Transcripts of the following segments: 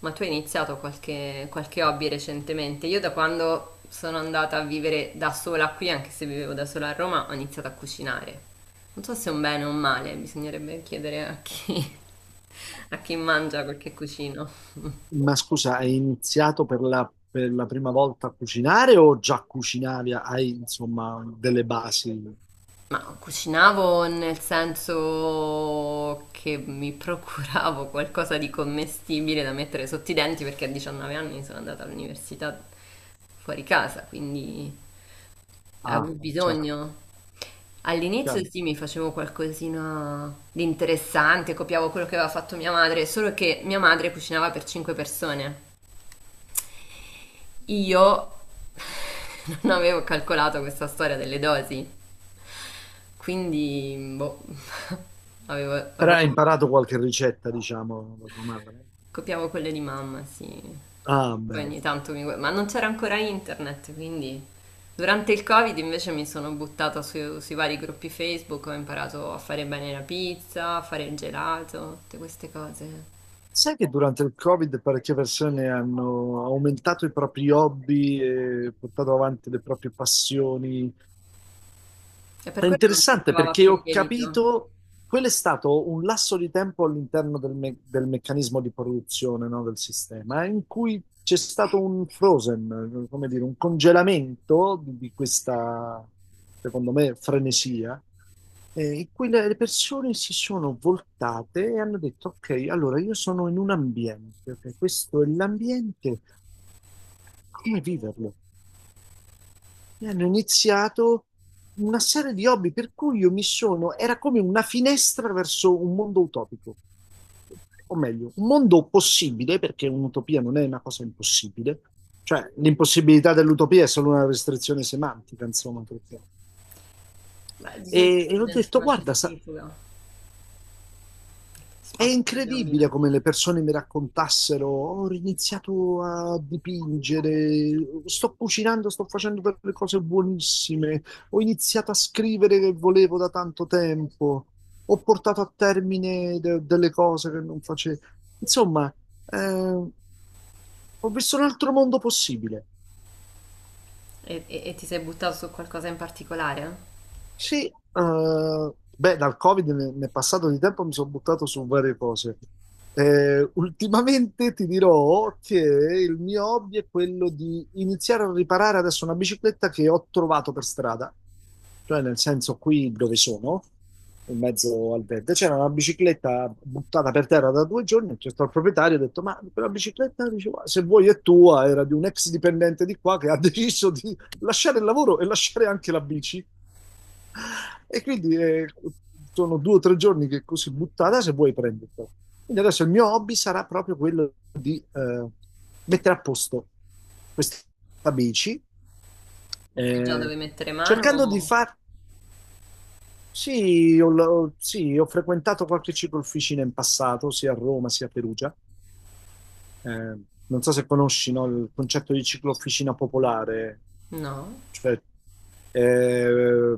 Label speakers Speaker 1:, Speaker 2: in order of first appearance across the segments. Speaker 1: Ma tu hai iniziato qualche hobby recentemente? Io da quando sono andata a vivere da sola qui, anche se vivevo da sola a Roma, ho iniziato a cucinare. Non so se è un bene o un male, bisognerebbe chiedere a chi, a chi mangia quel che cucino.
Speaker 2: Ma scusa, hai iniziato per la prima volta a cucinare o già cucinavi? Hai insomma delle basi?
Speaker 1: Ma cucinavo nel senso che mi procuravo qualcosa di commestibile da mettere sotto i denti perché a 19 anni sono andata all'università fuori casa, quindi avevo
Speaker 2: Ah, cioè,
Speaker 1: bisogno. All'inizio
Speaker 2: chiaro.
Speaker 1: sì, mi facevo qualcosina di interessante, copiavo quello che aveva fatto mia madre, solo che mia madre cucinava per 5 persone. Io non avevo calcolato questa storia delle dosi, quindi boh, avevo
Speaker 2: Però hai
Speaker 1: roba.
Speaker 2: imparato qualche ricetta, diciamo, da tua madre?
Speaker 1: Copiavo quelle di mamma, sì.
Speaker 2: Ah,
Speaker 1: Poi
Speaker 2: bene.
Speaker 1: ogni tanto ma non c'era ancora internet, quindi durante il Covid invece mi sono sui vari gruppi Facebook, ho imparato a fare bene la pizza, a fare il gelato, tutte queste cose.
Speaker 2: Sai che durante il Covid parecchie persone hanno aumentato i propri hobby e portato avanti le proprie passioni.
Speaker 1: E per
Speaker 2: È
Speaker 1: quello non si
Speaker 2: interessante
Speaker 1: trovava
Speaker 2: perché
Speaker 1: più il
Speaker 2: ho
Speaker 1: lievito.
Speaker 2: capito, quello è stato un lasso di tempo all'interno del meccanismo di produzione, no, del sistema, in cui c'è stato un frozen, come dire, un congelamento di questa, secondo me, frenesia, in cui le persone si sono voltate e hanno detto, ok, allora io sono in un ambiente, ok, questo è l'ambiente, come viverlo? E hanno iniziato una serie di hobby per cui io mi sono, era come una finestra verso un mondo utopico, o meglio, un mondo possibile, perché un'utopia non è una cosa impossibile, cioè l'impossibilità dell'utopia è solo una restrizione semantica, insomma. Perché
Speaker 1: Beh, di
Speaker 2: E,
Speaker 1: solito
Speaker 2: e
Speaker 1: sta
Speaker 2: ho
Speaker 1: dentro
Speaker 2: detto,
Speaker 1: una
Speaker 2: guarda, sa-
Speaker 1: centrifuga,
Speaker 2: è
Speaker 1: spazio per gli hobby
Speaker 2: incredibile
Speaker 1: non
Speaker 2: come
Speaker 1: c'è.
Speaker 2: le persone mi raccontassero, ho iniziato a dipingere, sto cucinando, sto facendo delle cose buonissime, ho iniziato a scrivere che volevo da tanto tempo, ho portato a termine de- delle cose che non facevo. Insomma, eh, ho visto un altro mondo possibile.
Speaker 1: E ti sei buttato su qualcosa in particolare?
Speaker 2: Sì, beh, dal Covid ne- nel passato di tempo mi sono buttato su varie cose. Ultimamente ti dirò che il mio hobby è quello di iniziare a riparare adesso una bicicletta che ho trovato per strada, cioè nel senso qui dove sono, in mezzo al verde, c'era una bicicletta buttata per terra da due giorni, c'è stato il proprietario, ho detto, ma quella bicicletta, diceva, se vuoi è tua, era di un ex dipendente di qua che ha deciso di lasciare il lavoro e lasciare anche la bici. E quindi sono due o tre giorni che così buttata se vuoi prenderlo. Quindi adesso il mio hobby sarà proprio quello di mettere a posto questa bici,
Speaker 1: O sai già
Speaker 2: eh,
Speaker 1: dove mettere mano?
Speaker 2: cercando di
Speaker 1: O
Speaker 2: far... Sì ho frequentato qualche ciclofficina in passato, sia a Roma sia a Perugia. Eh, Non so se conosci, no, il concetto di ciclofficina popolare.
Speaker 1: no.
Speaker 2: Cioè eh,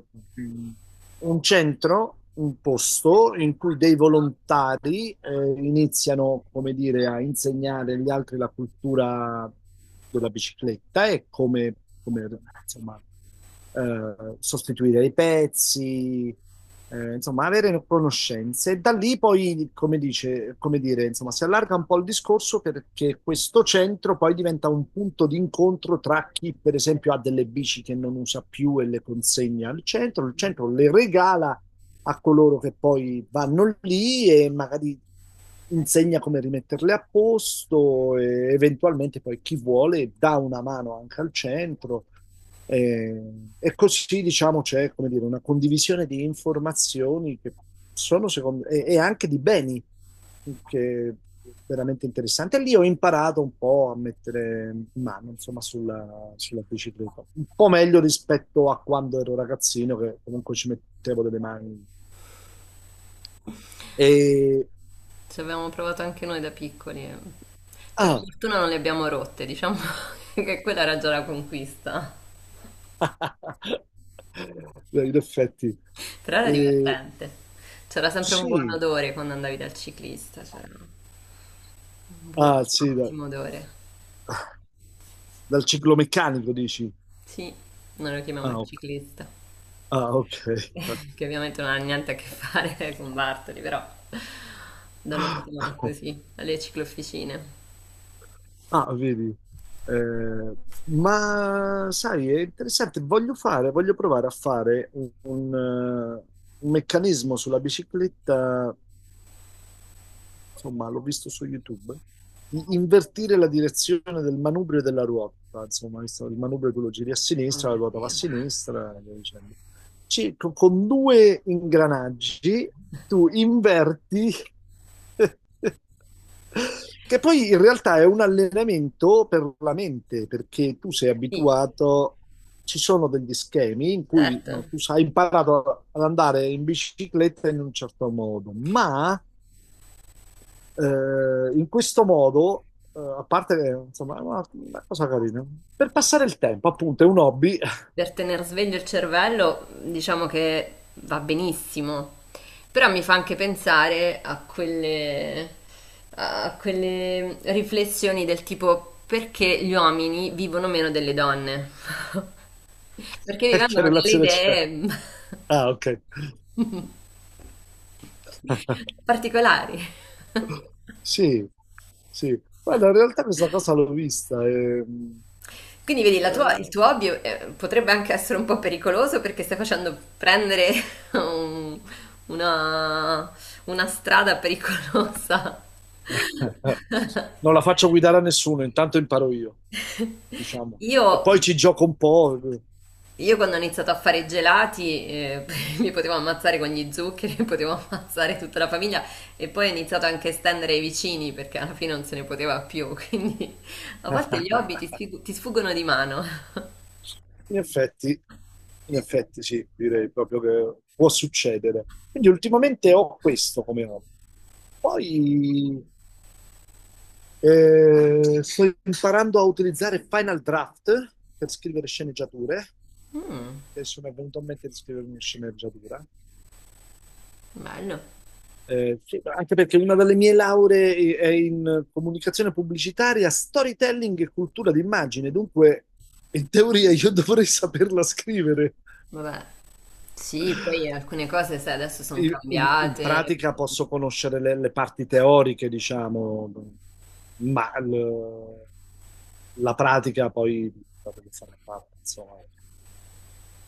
Speaker 2: un centro, un posto in cui dei volontari iniziano, come dire, a insegnare agli altri la cultura della bicicletta e come, insomma, sostituire i pezzi, insomma, avere conoscenze. E da lì poi, come dire, insomma, si allarga un po' il discorso perché questo centro poi diventa un punto di incontro tra chi, per esempio, ha delle bici che non usa più e le consegna al centro, il centro le regala a coloro che poi vanno lì e magari insegna come rimetterle a posto e eventualmente poi chi vuole dà una mano anche al centro. E così diciamo c'è come dire, una condivisione di informazioni che sono secondo e anche di beni che è veramente interessante. E lì ho imparato un po' a mettere mano insomma sulla bicicletta, un po' meglio rispetto a quando ero ragazzino che comunque ci mettevo delle mani e...
Speaker 1: Ci abbiamo provato anche noi da piccoli. E per
Speaker 2: Ah,
Speaker 1: fortuna non le abbiamo rotte, diciamo che quella era già la conquista.
Speaker 2: beh, in effetti.
Speaker 1: Però era
Speaker 2: Eh,
Speaker 1: divertente. C'era sempre un buon
Speaker 2: sì,
Speaker 1: odore quando andavi dal ciclista, c'era
Speaker 2: ah,
Speaker 1: un
Speaker 2: sì, da-
Speaker 1: ottimo odore.
Speaker 2: dal ciclomeccanico dici.
Speaker 1: Sì, noi lo chiamiamo
Speaker 2: Ah,
Speaker 1: il
Speaker 2: ok.
Speaker 1: ciclista,
Speaker 2: Ah, ok.
Speaker 1: che ovviamente non ha niente a che fare con Bartoli, però da noi si chiamano così, alle ciclofficine.
Speaker 2: Ah, vedi. Eh, ma sai, è interessante. Voglio fare, voglio provare a fare un meccanismo sulla bicicletta insomma, l'ho visto su YouTube, di invertire la direzione del manubrio e della ruota, insomma, il manubrio tu lo giri a
Speaker 1: Oh
Speaker 2: sinistra, la
Speaker 1: mio
Speaker 2: ruota va a
Speaker 1: Dio.
Speaker 2: sinistra, e via dicendo. Ci- con due ingranaggi tu inverti, che poi in realtà è un allenamento per la mente, perché tu sei
Speaker 1: Sì,
Speaker 2: abituato... Ci sono degli schemi in cui
Speaker 1: certo.
Speaker 2: no, tu hai imparato ad andare in bicicletta in un certo modo, ma in questo modo, a parte che, insomma, è una cosa carina. Per passare il tempo, appunto, è un hobby.
Speaker 1: Per tenere sveglio il cervello, diciamo che va benissimo, però mi fa anche pensare a a quelle riflessioni del tipo perché gli uomini vivono meno delle donne, perché vi
Speaker 2: E che
Speaker 1: vengono delle
Speaker 2: relazione c'è?
Speaker 1: idee
Speaker 2: Ah, ok.
Speaker 1: particolari.
Speaker 2: Sì, sì. Guarda, in realtà questa cosa l'ho vista.
Speaker 1: Quindi vedi, il
Speaker 2: Eh,
Speaker 1: tuo hobby potrebbe anche essere un po' pericoloso perché stai facendo prendere un- una, una strada pericolosa.
Speaker 2: Non la faccio guidare a nessuno, intanto imparo io, diciamo.
Speaker 1: Io,
Speaker 2: E poi ci gioco un po'.
Speaker 1: io quando ho iniziato a fare i gelati mi potevo ammazzare con gli zuccheri, potevo ammazzare tutta la famiglia e poi ho iniziato anche a estendere ai vicini perché alla fine non se ne poteva più, quindi a volte gli hobby ti sfuggono di mano.
Speaker 2: In effetti, in effetti, sì, direi proprio che può succedere. Quindi ultimamente ho questo come hobby. Poi sto imparando a utilizzare Final Draft per scrivere sceneggiature,
Speaker 1: Mm,
Speaker 2: e sono venuto a mente di scrivere una sceneggiatura.
Speaker 1: bello.
Speaker 2: Sì, anche perché una delle mie lauree è in comunicazione pubblicitaria, storytelling e cultura d'immagine, dunque in teoria io dovrei saperla scrivere.
Speaker 1: Vabbè, sì, poi alcune cose, sai, adesso sono
Speaker 2: In
Speaker 1: cambiate.
Speaker 2: pratica posso conoscere le parti teoriche, diciamo, ma l- la pratica poi la devo fare a parte, insomma.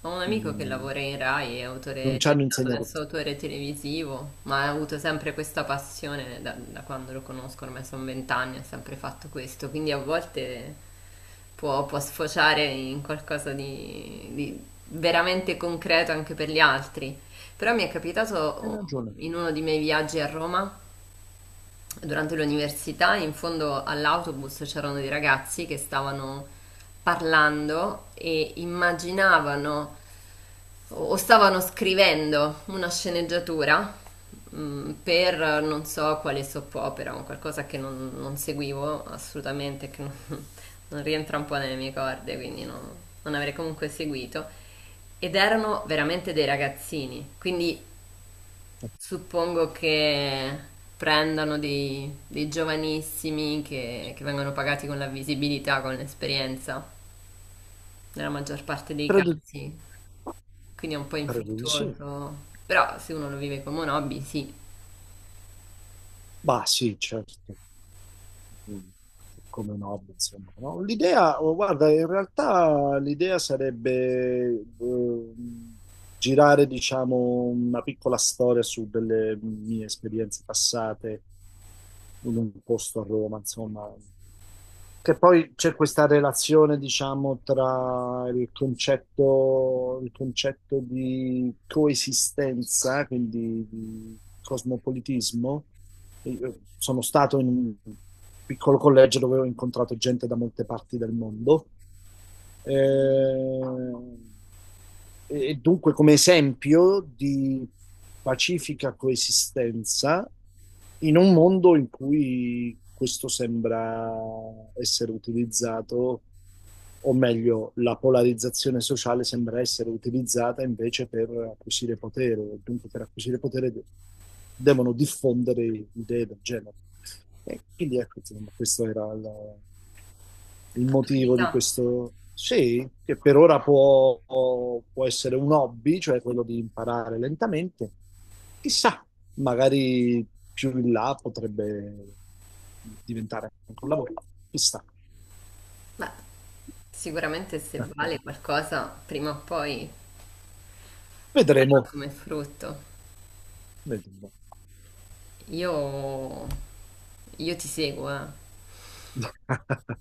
Speaker 1: Ho un amico che
Speaker 2: Mm,
Speaker 1: lavora in Rai, è autore, è
Speaker 2: non ci hanno
Speaker 1: diventato
Speaker 2: insegnato
Speaker 1: adesso
Speaker 2: questo.
Speaker 1: autore televisivo, ma ha avuto sempre questa passione da quando lo conosco, ormai sono 20 anni, ha sempre fatto questo, quindi a volte può sfociare in qualcosa di veramente concreto anche per gli altri. Però mi è
Speaker 2: Hai
Speaker 1: capitato
Speaker 2: ragione.
Speaker 1: in uno dei miei viaggi a Roma durante l'università in fondo all'autobus c'erano dei ragazzi che stavano parlando e immaginavano o stavano scrivendo una sceneggiatura mm, per non so quale soap opera, un qualcosa che non, non seguivo assolutamente, che non, non rientra un po' nelle mie corde, quindi non avrei comunque seguito. Ed erano veramente dei ragazzini, quindi suppongo che prendano dei giovanissimi che vengono pagati con la visibilità, con l'esperienza, nella maggior parte dei
Speaker 2: Tradu-
Speaker 1: casi, quindi è un po'
Speaker 2: traduci?
Speaker 1: infruttuoso, però se uno lo vive come un hobby, sì,
Speaker 2: Bah, sì, certo. Mm, come no, insomma. No? L'idea, oh, guarda, in realtà l'idea sarebbe girare, diciamo, una piccola storia su delle mie esperienze passate in un posto a Roma, insomma, che poi c'è questa relazione, diciamo, tra il concetto di coesistenza, quindi di cosmopolitismo. Io sono stato in un piccolo collegio dove ho incontrato gente da molte parti del mondo eh, e dunque come esempio di pacifica coesistenza in un mondo in cui questo sembra essere utilizzato, o meglio, la polarizzazione sociale sembra essere utilizzata invece per acquisire potere, dunque per acquisire potere de- devono diffondere idee del genere. E quindi ecco, insomma, questo era il motivo di
Speaker 1: l'attualità.
Speaker 2: questo. Sì, che per ora può, può essere un hobby, cioè quello di imparare lentamente. Chissà, magari più in là potrebbe diventare anche un lavoro. Chissà.
Speaker 1: Beh, sicuramente se vale qualcosa, prima o poi darà
Speaker 2: Vedremo,
Speaker 1: come frutto.
Speaker 2: vedremo.
Speaker 1: Io, io ti seguo, eh.